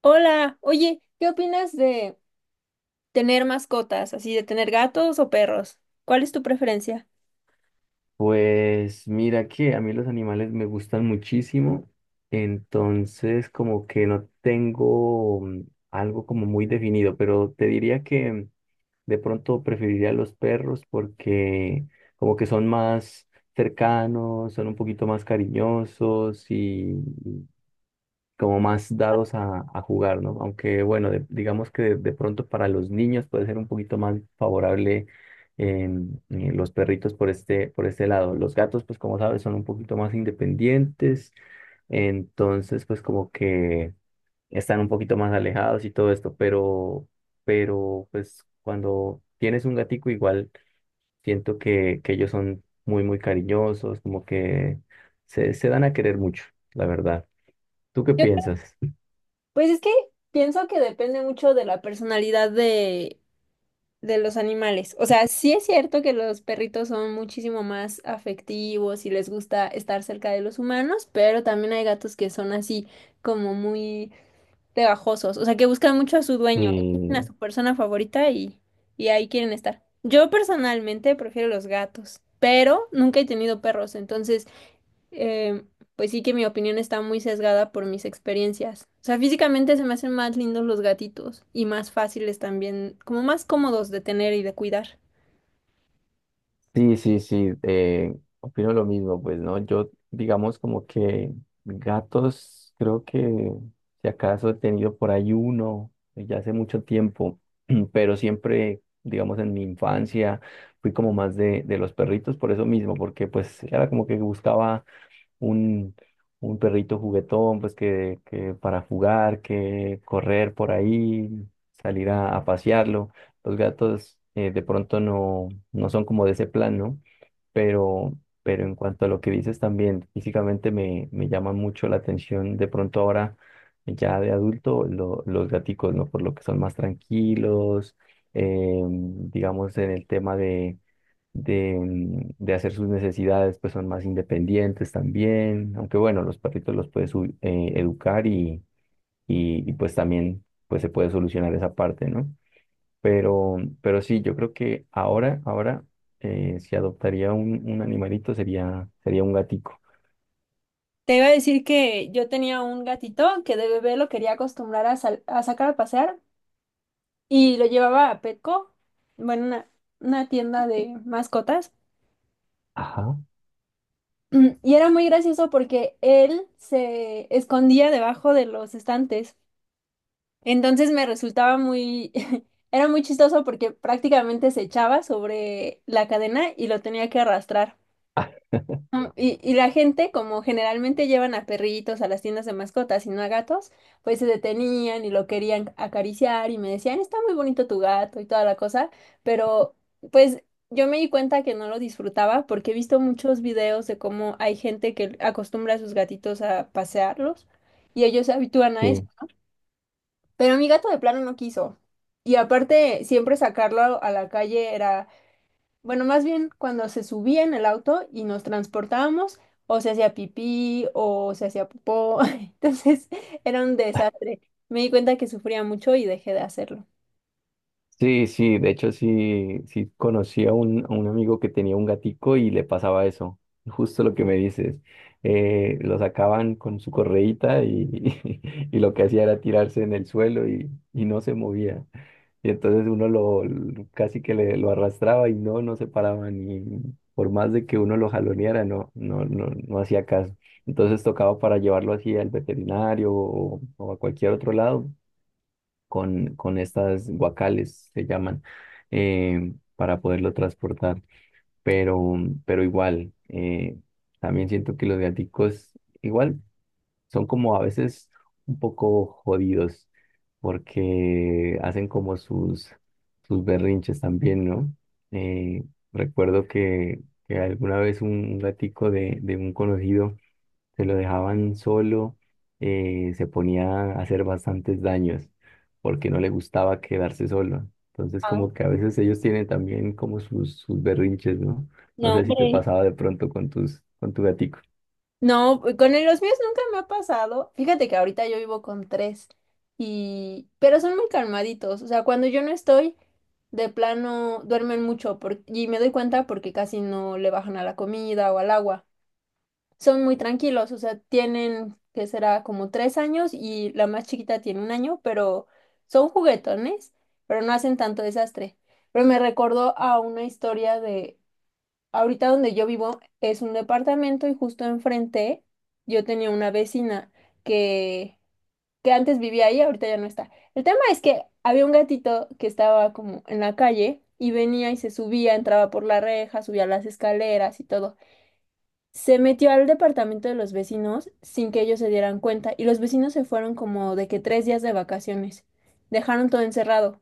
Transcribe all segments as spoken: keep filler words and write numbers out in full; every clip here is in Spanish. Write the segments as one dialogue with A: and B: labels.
A: Hola, oye, ¿qué opinas de tener mascotas, así de tener gatos o perros? ¿Cuál es tu preferencia?
B: Pues mira que a mí los animales me gustan muchísimo, entonces como que no tengo mm, algo como muy definido, pero te diría que de pronto preferiría los perros porque como que son más cercanos, son un poquito más cariñosos y como más dados a, a jugar, ¿no? Aunque bueno, de- digamos que de, de pronto para los niños puede ser un poquito más favorable em, eh, los perritos por este, por este lado. Los gatos, pues como sabes, son un poquito más independientes, entonces pues como que están un poquito más alejados y todo esto, pero, pero pues cuando tienes un gatico igual siento que, que ellos son muy, muy cariñosos, como que se, se dan a querer mucho, la verdad. ¿Tú qué piensas?
A: Pues es que pienso que depende mucho de la personalidad de, de los animales. O sea, sí es cierto que los perritos son muchísimo más afectivos y les gusta estar cerca de los humanos, pero también hay gatos que son así como muy pegajosos, o sea, que buscan mucho a su dueño, a
B: Sí,
A: su persona favorita y, y ahí quieren estar. Yo personalmente prefiero los gatos, pero nunca he tenido perros, entonces, eh, pues sí que mi opinión está muy sesgada por mis experiencias. O sea, físicamente se me hacen más lindos los gatitos y más fáciles también, como más cómodos de tener y de cuidar.
B: sí, sí, sí, eh, opino lo mismo, pues, ¿no? Yo, digamos, como que gatos, creo que si acaso he tenido por ahí uno, eh, ya hace mucho tiempo, pero siempre, digamos, en mi infancia fui como más de, de los perritos por eso mismo, porque pues era como que buscaba un, un perrito juguetón, pues que, que para jugar, que correr por ahí, salir a, a pasearlo. Los gatos eh, de pronto no, no son como de ese plan, ¿no? Pero, pero en cuanto a lo que dices también, físicamente me, me llama mucho la atención de pronto ahora, ya de adulto, lo- los gaticos, ¿no? Por lo que son más tranquilos, eh, digamos en el tema de, mm, de hacer sus necesidades, pues son más independientes también, aunque bueno, los perritos los puedes u- eh, educar y, y, y, pues también pues se puede solucionar esa parte, ¿no? Pero, pero sí, yo creo que ahora, ahora, eh, si adoptaría un, un animalito sería, sería un gatico.
A: Te iba a decir que yo tenía un gatito que de bebé lo quería acostumbrar a, sal- a sacar a pasear, y lo llevaba a Petco, bueno, una, una tienda de mascotas.
B: Ajá.
A: Mm, Y era muy gracioso porque él se escondía debajo de los estantes. Entonces me resultaba muy, era muy chistoso porque prácticamente se echaba sobre la cadena y lo tenía que arrastrar.
B: Ah,
A: Mm, Y, y la gente, como generalmente llevan a perritos a las tiendas de mascotas y no a gatos, pues se detenían y lo querían acariciar y me decían, está muy bonito tu gato y toda la cosa, pero pues yo me di cuenta que no lo disfrutaba porque he visto muchos videos de cómo hay gente que acostumbra a sus gatitos a pasearlos y ellos se habitúan a eso,
B: sí.
A: pero mi gato de plano no quiso. Y aparte, siempre sacarlo a la calle era bueno, más bien cuando se subía en el auto y nos transportábamos, o se hacía pipí o se hacía popó. Entonces era un desastre. Me di cuenta que sufría mucho y dejé de hacerlo.
B: Sí, sí, de hecho sí, sí conocí a un, a un amigo que tenía un gatico y le pasaba eso, justo lo que me dices. Eh, lo sacaban con su correíta y, y lo que hacía era tirarse en el suelo y, y no se movía. Y entonces uno lo lo- casi que le, lo arrastraba y no, no se paraba ni por más de que uno lo jaloneara, no, no, no, no hacía caso. Entonces tocaba para llevarlo así al veterinario o, o a cualquier otro lado con, con estas guacales, se llaman, eh, para poderlo transportar. Pero, pero igual, eh, también siento que los gaticos igual son como a veces un poco jodidos porque hacen como sus, sus berrinches también, ¿no? Eh, Recuerdo que, que alguna vez un gatico de, de un conocido se lo dejaban solo, eh, se ponía a hacer bastantes daños porque no le gustaba quedarse solo. Entonces,
A: Ah,
B: como que a veces ellos tienen también como sus, sus berrinches, ¿no? No
A: no,
B: sé si te
A: hombre.
B: pasaba de pronto con tus, con tu gatico.
A: No, con el- los míos nunca me ha pasado. Fíjate que ahorita yo vivo con tres y pero son muy calmaditos. O sea, cuando yo no estoy, de plano duermen mucho por- y me doy cuenta porque casi no le bajan a la comida o al agua. Son muy tranquilos, o sea, tienen que será como tres años y la más chiquita tiene un año, pero son juguetones, pero no hacen tanto desastre. Pero me recordó a una historia de, ahorita donde yo vivo es un departamento y justo enfrente yo tenía una vecina que, que antes vivía ahí, ahorita ya no está. El tema es que había un gatito que estaba como en la calle y venía y se subía, entraba por la reja, subía las escaleras y todo. Se metió al departamento de los vecinos sin que ellos se dieran cuenta y los vecinos se fueron como de que tres días de vacaciones. Dejaron todo encerrado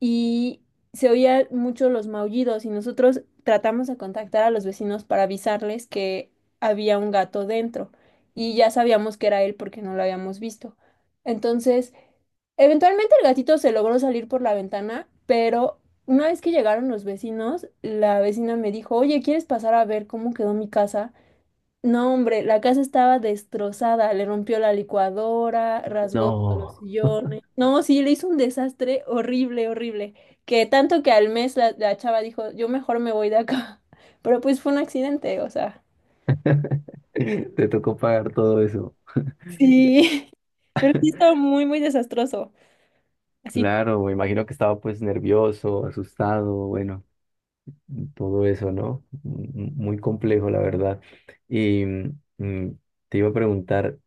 A: y se oían mucho los maullidos y nosotros tratamos de contactar a los vecinos para avisarles que había un gato dentro y ya sabíamos que era él porque no lo habíamos visto. Entonces, eventualmente el gatito se logró salir por la ventana, pero una vez que llegaron los vecinos, la vecina me dijo, oye, ¿quieres pasar a ver cómo quedó mi casa? No, hombre, la casa estaba destrozada, le rompió la licuadora, rasgó todos los
B: No,
A: sillones. No, sí, le hizo un desastre horrible, horrible, que tanto que al mes la, la chava dijo, yo mejor me voy de acá. Pero pues fue un accidente, o sea,
B: te tocó pagar todo eso.
A: sí, pero sí estaba muy, muy desastroso. Así,
B: Claro, me imagino que estaba pues nervioso, asustado, bueno, todo eso, ¿no? M- Muy complejo, la verdad. Y mm, te iba a preguntar,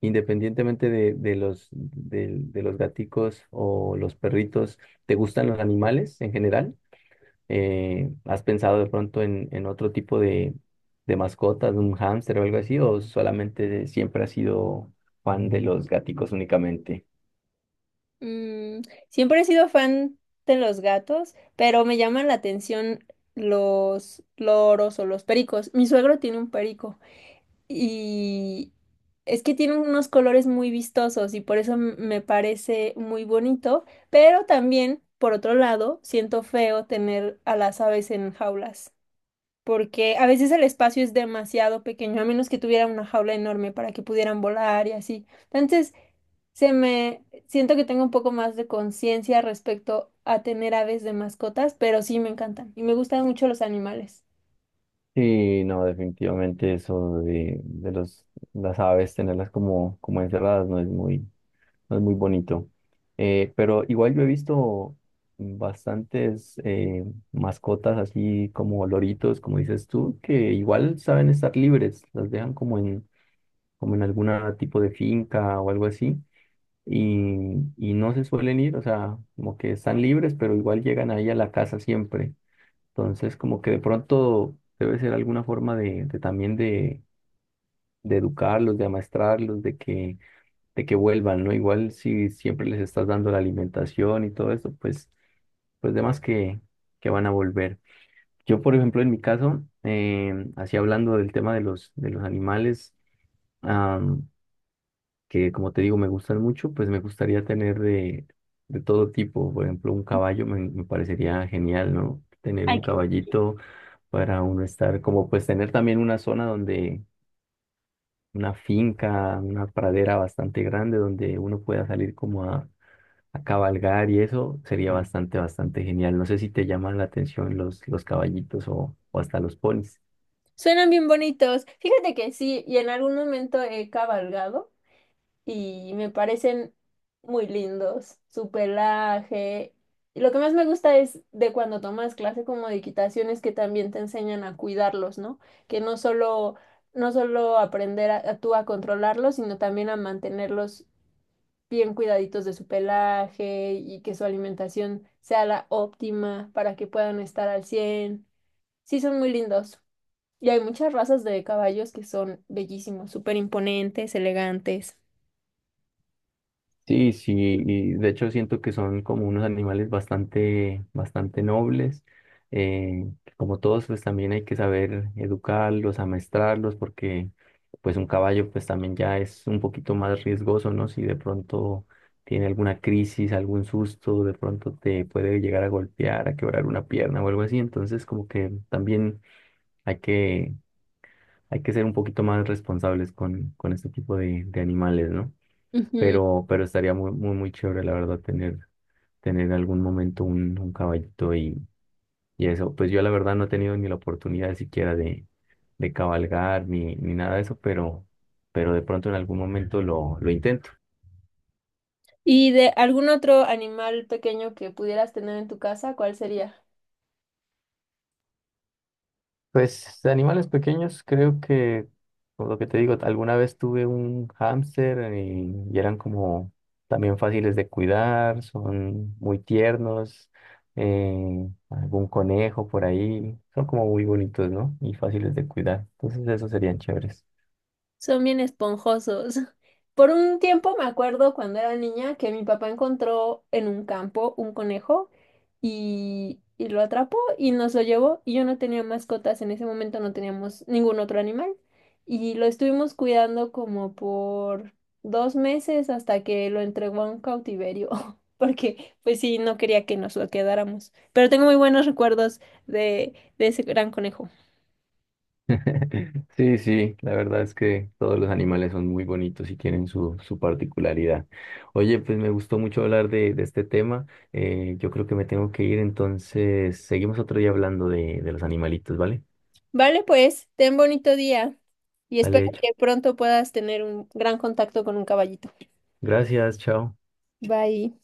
B: independientemente de, de los, del- de, los gaticos o los perritos, ¿te gustan los animales en general? Eh, ¿has pensado de pronto en, en otro tipo de, de mascotas, un hámster o algo así? ¿O solamente siempre has sido fan de los gaticos únicamente?
A: mm, siempre he sido fan de los gatos, pero me llaman la atención los loros o los pericos. Mi suegro tiene un perico. Y es que tiene unos colores muy vistosos y por eso m- me parece muy bonito, pero también, por otro lado, siento feo tener a las aves en jaulas, porque a veces el espacio es demasiado pequeño, a menos que tuviera una jaula enorme para que pudieran volar y así. Entonces, se me siento que tengo un poco más de conciencia respecto a tener aves de mascotas, pero sí me encantan y me gustan mucho los animales.
B: Sí, no, definitivamente eso de, de los, las aves, tenerlas como, como encerradas, no es muy, no es muy bonito. Eh, pero igual yo he visto bastantes eh, mascotas así como loritos, como dices tú, que igual saben estar libres, las dejan como en, como en algún tipo de finca o algo así, y, y no se suelen ir, o sea, como que están libres, pero igual llegan ahí a la casa siempre. Entonces, como que de pronto debe ser alguna forma de, de también de, de educarlos, de amaestrarlos, de que de que vuelvan, ¿no? Igual si siempre les estás dando la alimentación y todo eso, pues, pues demás que, que van a volver. Yo, por ejemplo, en mi caso, eh, así hablando del tema de los, de los animales, am, que como te digo, me gustan mucho, pues me gustaría tener de, de todo tipo. Por ejemplo, un caballo me, me parecería genial, ¿no? Tener un
A: Ay, qué bonito.
B: caballito para uno estar, como pues tener también una zona donde... una finca, una pradera bastante grande donde uno pueda salir como a, a cabalgar y eso sería bastante, bastante genial. No sé si te llaman la atención los, los caballitos o, o hasta los ponis.
A: Suenan bien bonitos. Fíjate que sí, y en algún momento he cabalgado y me parecen muy lindos. Su pelaje. Y lo que más me gusta es de cuando tomas clase como de equitación es que también te enseñan a cuidarlos, ¿no? Que no solo, no solo aprender a, a tú a controlarlos, sino también a mantenerlos bien cuidaditos de su pelaje y que su alimentación sea la óptima para que puedan estar al cien. Sí, son muy lindos. Y hay muchas razas de caballos que son bellísimos, súper imponentes, elegantes.
B: Sí, sí, y de hecho siento que son como unos animales bastante, bastante nobles. eh, Como todos, pues también hay que saber educarlos, amestrarlos, porque pues un caballo pues también ya es un poquito más riesgoso, ¿no? Si de pronto tiene alguna crisis, algún susto, de pronto te puede llegar a golpear, a quebrar una pierna o algo así. Entonces como que también Hay que, hay que ser un poquito más responsables con, con este tipo de, de animales, ¿no?
A: Ujú.
B: Pero, pero estaría muy, muy, muy chévere, la verdad, tener, tener algún momento un, un caballito y, y eso. Pues yo, la verdad, no he tenido ni la oportunidad siquiera de, de cabalgar ni, ni nada de eso, pero, pero de pronto en algún momento lo, lo intento.
A: ¿Y de algún otro animal pequeño que pudieras tener en tu casa, cuál sería?
B: Pues de animales pequeños, creo que, por lo que te digo, alguna vez tuve un hámster y, y eran como también fáciles de cuidar, son muy tiernos, eh, algún conejo por ahí, son como muy bonitos, ¿no? Y fáciles de cuidar, entonces esos serían chéveres.
A: Son bien esponjosos. Por un tiempo me acuerdo cuando era niña que mi papá encontró en un campo un conejo y, y lo atrapó y nos lo llevó y yo no tenía mascotas, en ese momento no teníamos ningún otro animal y lo estuvimos cuidando como por dos meses hasta que lo entregó a un cautiverio porque pues sí, no quería que nos lo quedáramos. Pero tengo muy buenos recuerdos de, de, ese gran conejo.
B: Sí, sí, la verdad es que todos los animales son muy bonitos y tienen su, su particularidad. Oye, pues me gustó mucho hablar de, de este tema. Eh, yo creo que me tengo que ir, entonces seguimos otro día hablando de, de los animalitos, ¿vale?
A: Vale, pues, ten bonito día y
B: Vale,
A: espero
B: hecho.
A: que pronto puedas tener un gran contacto con un caballito.
B: Gracias, chao.
A: Bye.